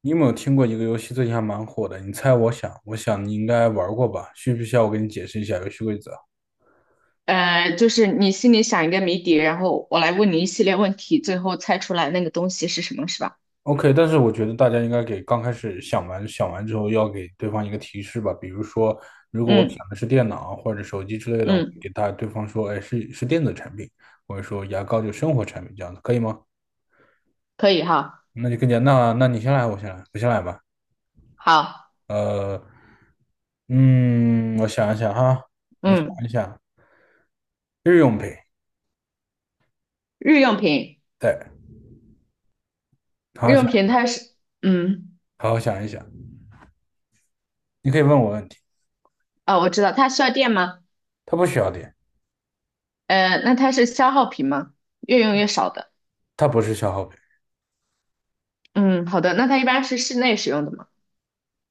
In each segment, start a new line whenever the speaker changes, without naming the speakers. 你有没有听过一个游戏最近还蛮火的？你猜我想你应该玩过吧？需不需要我给你解释一下游戏规则
就是你心里想一个谜底，然后我来问你一系列问题，最后猜出来那个东西是什么，是吧？
？OK,但是我觉得大家应该给刚开始想完之后，要给对方一个提示吧。比如说，如果我想
嗯
的是电脑或者手机之类的，我给
嗯，
大对方说，哎，是电子产品，或者说牙膏就生活产品这样的，可以吗？
可以哈，
那就更加那你先来，我先来吧。
好，
呃，嗯，我想一想哈，我想一
嗯，
想，日用品，
日用品，
对，好
日
好想，
用品它是，嗯，
好好想一想。你可以问我问题。
啊，我知道，它需要电吗？
它不需要电，
呃，那它是消耗品吗？越用越少的。
它不是消耗品，
嗯，好的，那它一般是室内使用的吗？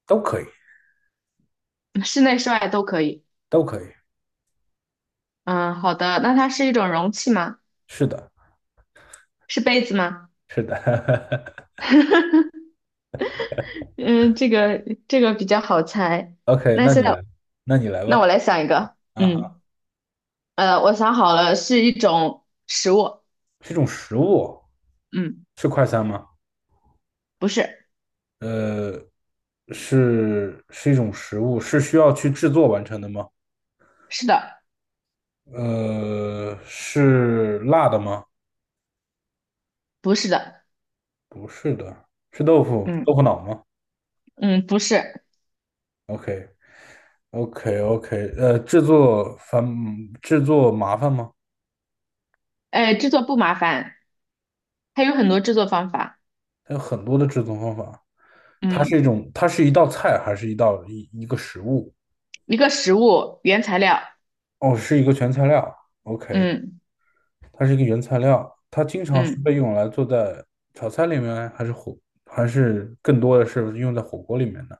都可以，
嗯，室内室外都可以。
都可以。
嗯，好的，那它是一种容器吗？
是的，
是杯子吗？
是的。
嗯，这个比较好猜。
OK,
那
那
现
你
在。
来，那你来
那我
吧。
来想一个，
啊，
嗯，我想好了，是一种食物。
是一种食物
嗯，
是快餐吗？
不是。
呃，是一种食物，是需要去制作完成的吗？
是的。
呃，是辣的吗？
不是的。
不是的，是豆腐豆
嗯
腐脑吗
嗯，不是。
？OK，OK，OK，制作麻烦吗？
制作不麻烦，它有很多制作方法。
它有很多的制作方法。它是一
嗯，
种，它是一道菜，还是一道一个食物？
一个食物原材料。
哦，是一个原材料。OK,
嗯
它是一个原材料，它经常是
嗯，
被用来做在炒菜里面，还是更多的是用在火锅里面的，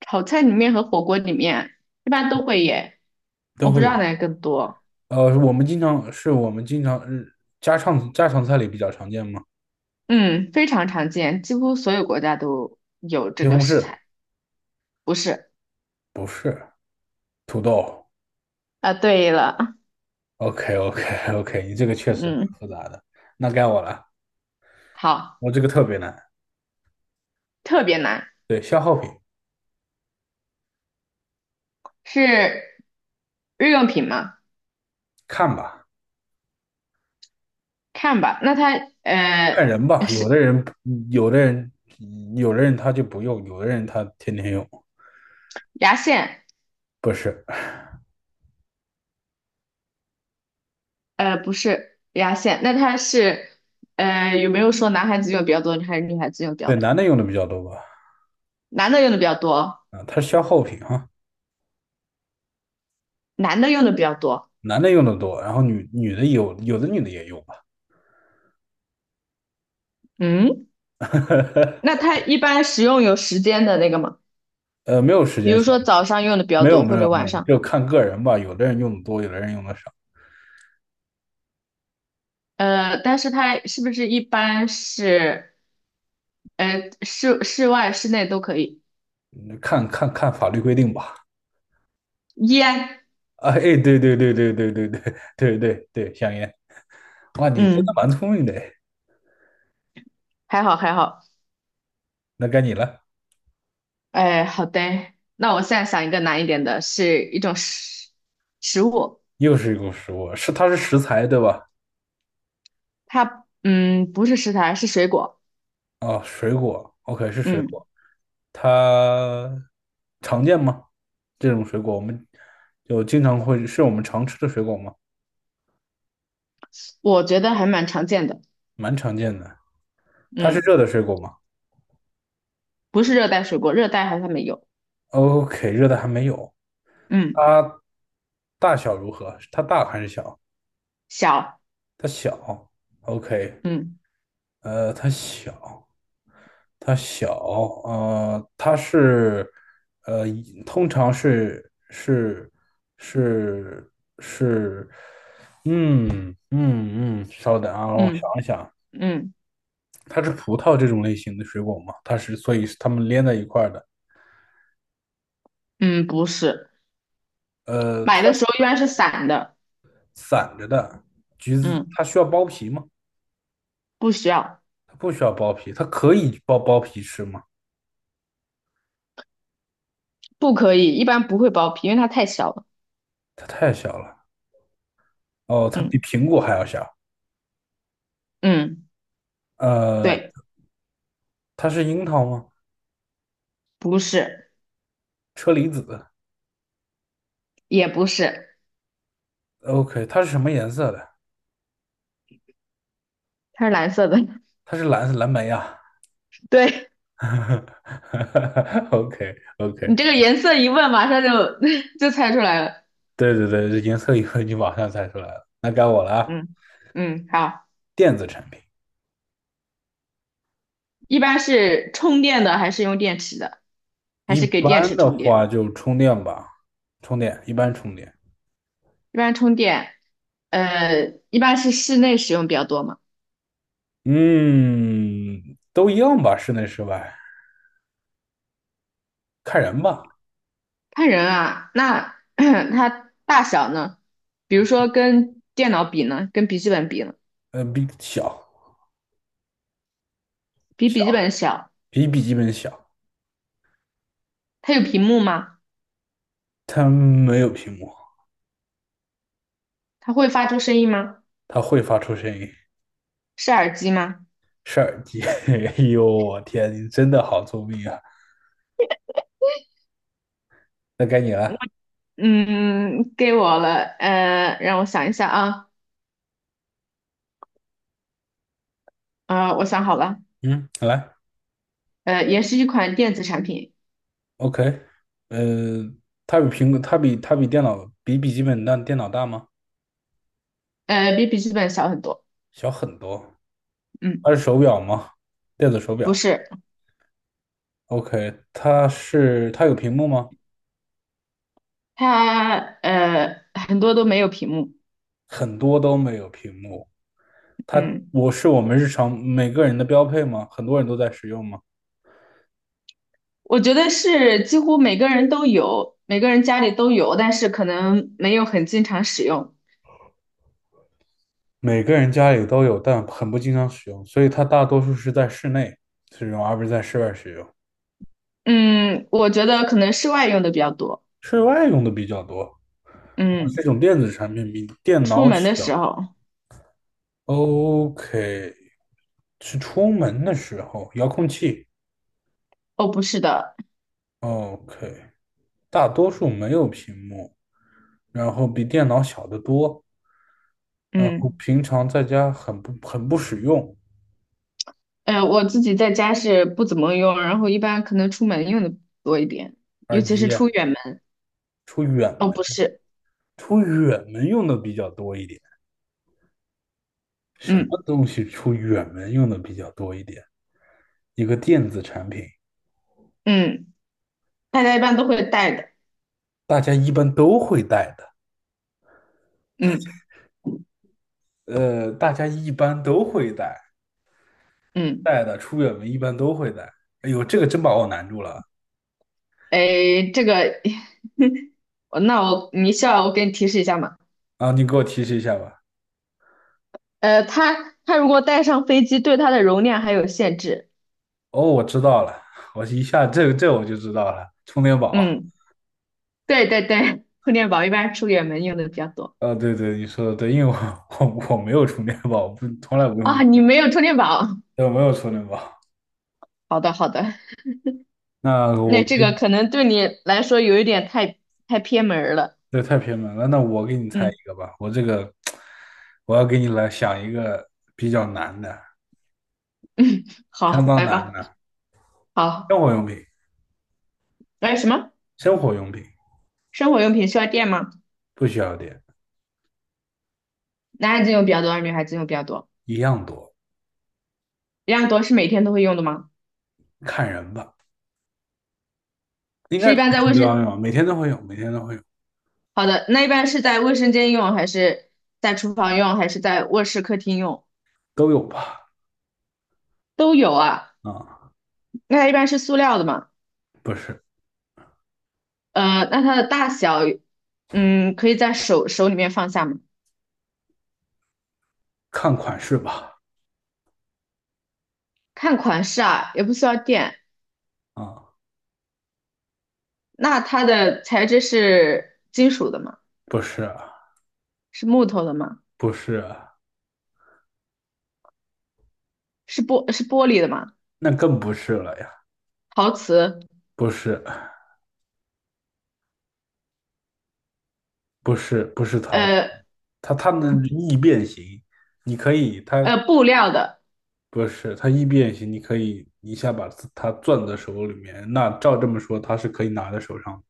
炒菜里面和火锅里面一般都会耶，
都
我不
会
知道
有。
哪个更多。
呃，我们经常家常菜里比较常见吗？
嗯，非常常见，几乎所有国家都有这
西
个
红
食
柿
材。不是。
不是，土豆。
啊，对了。
OK OK OK,你这个确实蛮
嗯，
复杂的。那该我了，
好，
我这个特别难。
特别难，
对，消耗品，
是。日用品吗？
看吧。
看吧。那它
看
呃
人吧，
是
有的人，有的人他就不用，有的人他天天用，
牙线，
不是，
不是牙线。那它是有没有说男孩子用的比较多，还是女孩子用的比较
对，男
多？
的用的比较多吧？
男的用的比较多，
啊，它是消耗品啊，
男的用的比较多。
男的用的多，然后女的有，有的女的也用吧，
嗯，那 它一般使用有时间的那个吗？
呃，没有时
比
间
如
限
说
制，
早上用的比较
没有
多，
没
或
有
者
没
晚
有，
上。
就看个人吧，有的人用的多，有的人用的少，
呃，但是它是不是一般是室外室内都可以？
嗯看法律规定吧。
烟。
啊，哎，对对对，香烟，哇，你真的
嗯，
蛮聪明的，哎
还好还好。
那该你了，
哎，好的，那我现在想一个难一点的，是一种食食物。
又是一个食物，是它是食材对吧？
它不是食材，是水果。
哦，水果，OK,是水
嗯，
果，它常见吗？这种水果我们就经常会，是我们常吃的水果吗？
我觉得还蛮常见的。
蛮常见的。它是
嗯，
热的水果吗
不是热带水果，热带好像没有。
？OK,热的还没有。
嗯，
它大小如何？它大还是小？
小。
它小。OK,
嗯
呃，它小。它小，呃，它是，呃，通常是是，稍等啊，我想
嗯
一想，
嗯
它是葡萄这种类型的水果吗？它是，所以是它们连在一块儿的，
嗯，不是。
呃，
买
它
的
是
时候一般是散的。
散着的，橘子
嗯，
它需要剥皮吗？
不需要。
它不需要剥皮，它可以剥皮吃吗？
不可以，一般不会剥皮，因为它太小了。
它太小了，哦，它比
嗯
苹果还要小，
嗯，
呃，
对。
它是樱桃吗？
不是。
车厘子。
也不是。
OK,它是什么颜色的？
它是蓝色的。
它是蓝莓啊。
对，
OK OK,
你这个颜色一问，马上就 就猜出来了。
对对对，这颜色一问你马上猜出来了。那该我了啊，
嗯嗯，好。
电子产品，
一般是充电的还是用电池的，还
一
是给电
般
池
的
充电？
话就充电吧，充电，
一般充电。呃，一般是室内使用比较多嘛。
嗯，都一样吧，室内室外看人吧。
看人啊，那 它大小呢？比如说跟电脑比呢，跟笔记本比呢，
呃，比小
比笔记
小
本小。
比笔记本小，
它有屏幕吗？
它没有屏幕，
它会发出声音吗？
它会发出声音，
是耳机吗？
是耳机。哎呦，我天，你真的好聪明啊！那该你了，
嗯，给我了，让我想一下啊。我想好了。
嗯，来。
也是一款电子产品。
OK,呃，它比苹果，它比电脑比笔记本大，电脑大吗？
呃，比笔记本小很多。
小很多。它
嗯，
是手表吗？电子手
不
表。
是。
OK,它有屏幕吗？
它很多都没有屏幕。
很多都没有屏幕。它
嗯，
我是我们日常每个人的标配吗？很多人都在使用吗？
我觉得是几乎每个人都有，每个人家里都有，但是可能没有很经常使用。
每个人家里都有，但很不经常使用，所以它大多数是在室内使用，而不是在室外使用。
嗯，我觉得可能室外用的比较多。
室外用的比较多。啊这
嗯，
种电子产品比电脑
出门的时
小。
候。
OK,是出门的时候，遥控器。
哦，不是的。
OK,大多数没有屏幕，然后比电脑小得多，然后
嗯，
平常在家很不使用。
呃，我自己在家是不怎么用，然后一般可能出门用的多一点，尤
耳
其是
机
出远门。
出远
哦，
门，
不是。
出远门用的比较多一点。什么
嗯
东西出远门用的比较多一点？一个电子产品，
嗯。大家一般都会带的。
大家一般都会带的。
嗯
呃，大家一般都会带，
嗯，
带的出远门一般都会带。哎呦，这个真把我难住了。
诶，这个，那需要我给你提示一下吗？
啊，你给我提示一下吧。
呃，它它如果带上飞机，对它的容量还有限制。
哦，我知道了，我一下这我就知道了，充电宝。
嗯，对对对，充电宝一般出远门用的比较多
啊，对对，你说的对，因为我 我没有充电宝，不从来不用，
啊。你没有充电宝。
对，我没有充电宝。
好的好的。
那我
那这
给，
个可能对你来说有一点太偏门儿了。
这太偏门了。那我给你猜
嗯，
一个吧，我这个我要给你来想一个比较难的，
好，
相当
来
难
吧。
的生
好，
活用品，
哎，什么？
生活用品
生活用品需要电吗？
不需要电，
男孩子用比较多，还是女孩子用比较多？
一样多，
一样多。是每天都会用的吗？
看人吧，应
是
该是
一般在
每
卫
天都要
生
用，每天都会有，每天都会有，
好的，那一般是在卫生间用，还是在厨房用，还是在卧室、客厅用？
都有吧？
都有啊。
啊，
那它一般是塑料的嘛？
不是。
呃，那它的大小，嗯，可以在手里面放下吗？
看款式吧。
看款式啊，也不需要垫。
啊、嗯
那它的材质是金属的吗？
不是，
是木头的吗？
不是，
是玻璃的吗？
那更不是了呀，
陶瓷？
不是，不是，不是陶瓷，
呃
它能易变形，你可以，它
布料的。
不是它易变形，你可以一下把它攥在手里面，那照这么说，它是可以拿在手上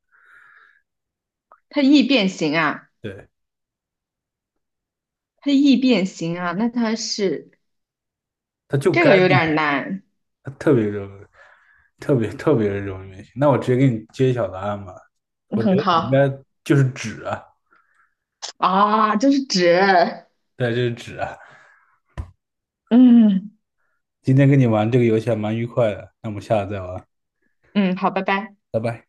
它易变形啊，
的，对，
它易变形啊。那它是
它就
这
该
个有
变
点
形，
难。
它特别容易特别特别容易变形。那我直接给你揭晓答案吧，我觉
很
得你应该
好。
就是纸啊，
啊，这是纸。
对，就是纸啊。
嗯
今天跟你玩这个游戏还蛮愉快的，那我们下次再玩。
嗯，好，拜拜。
拜拜。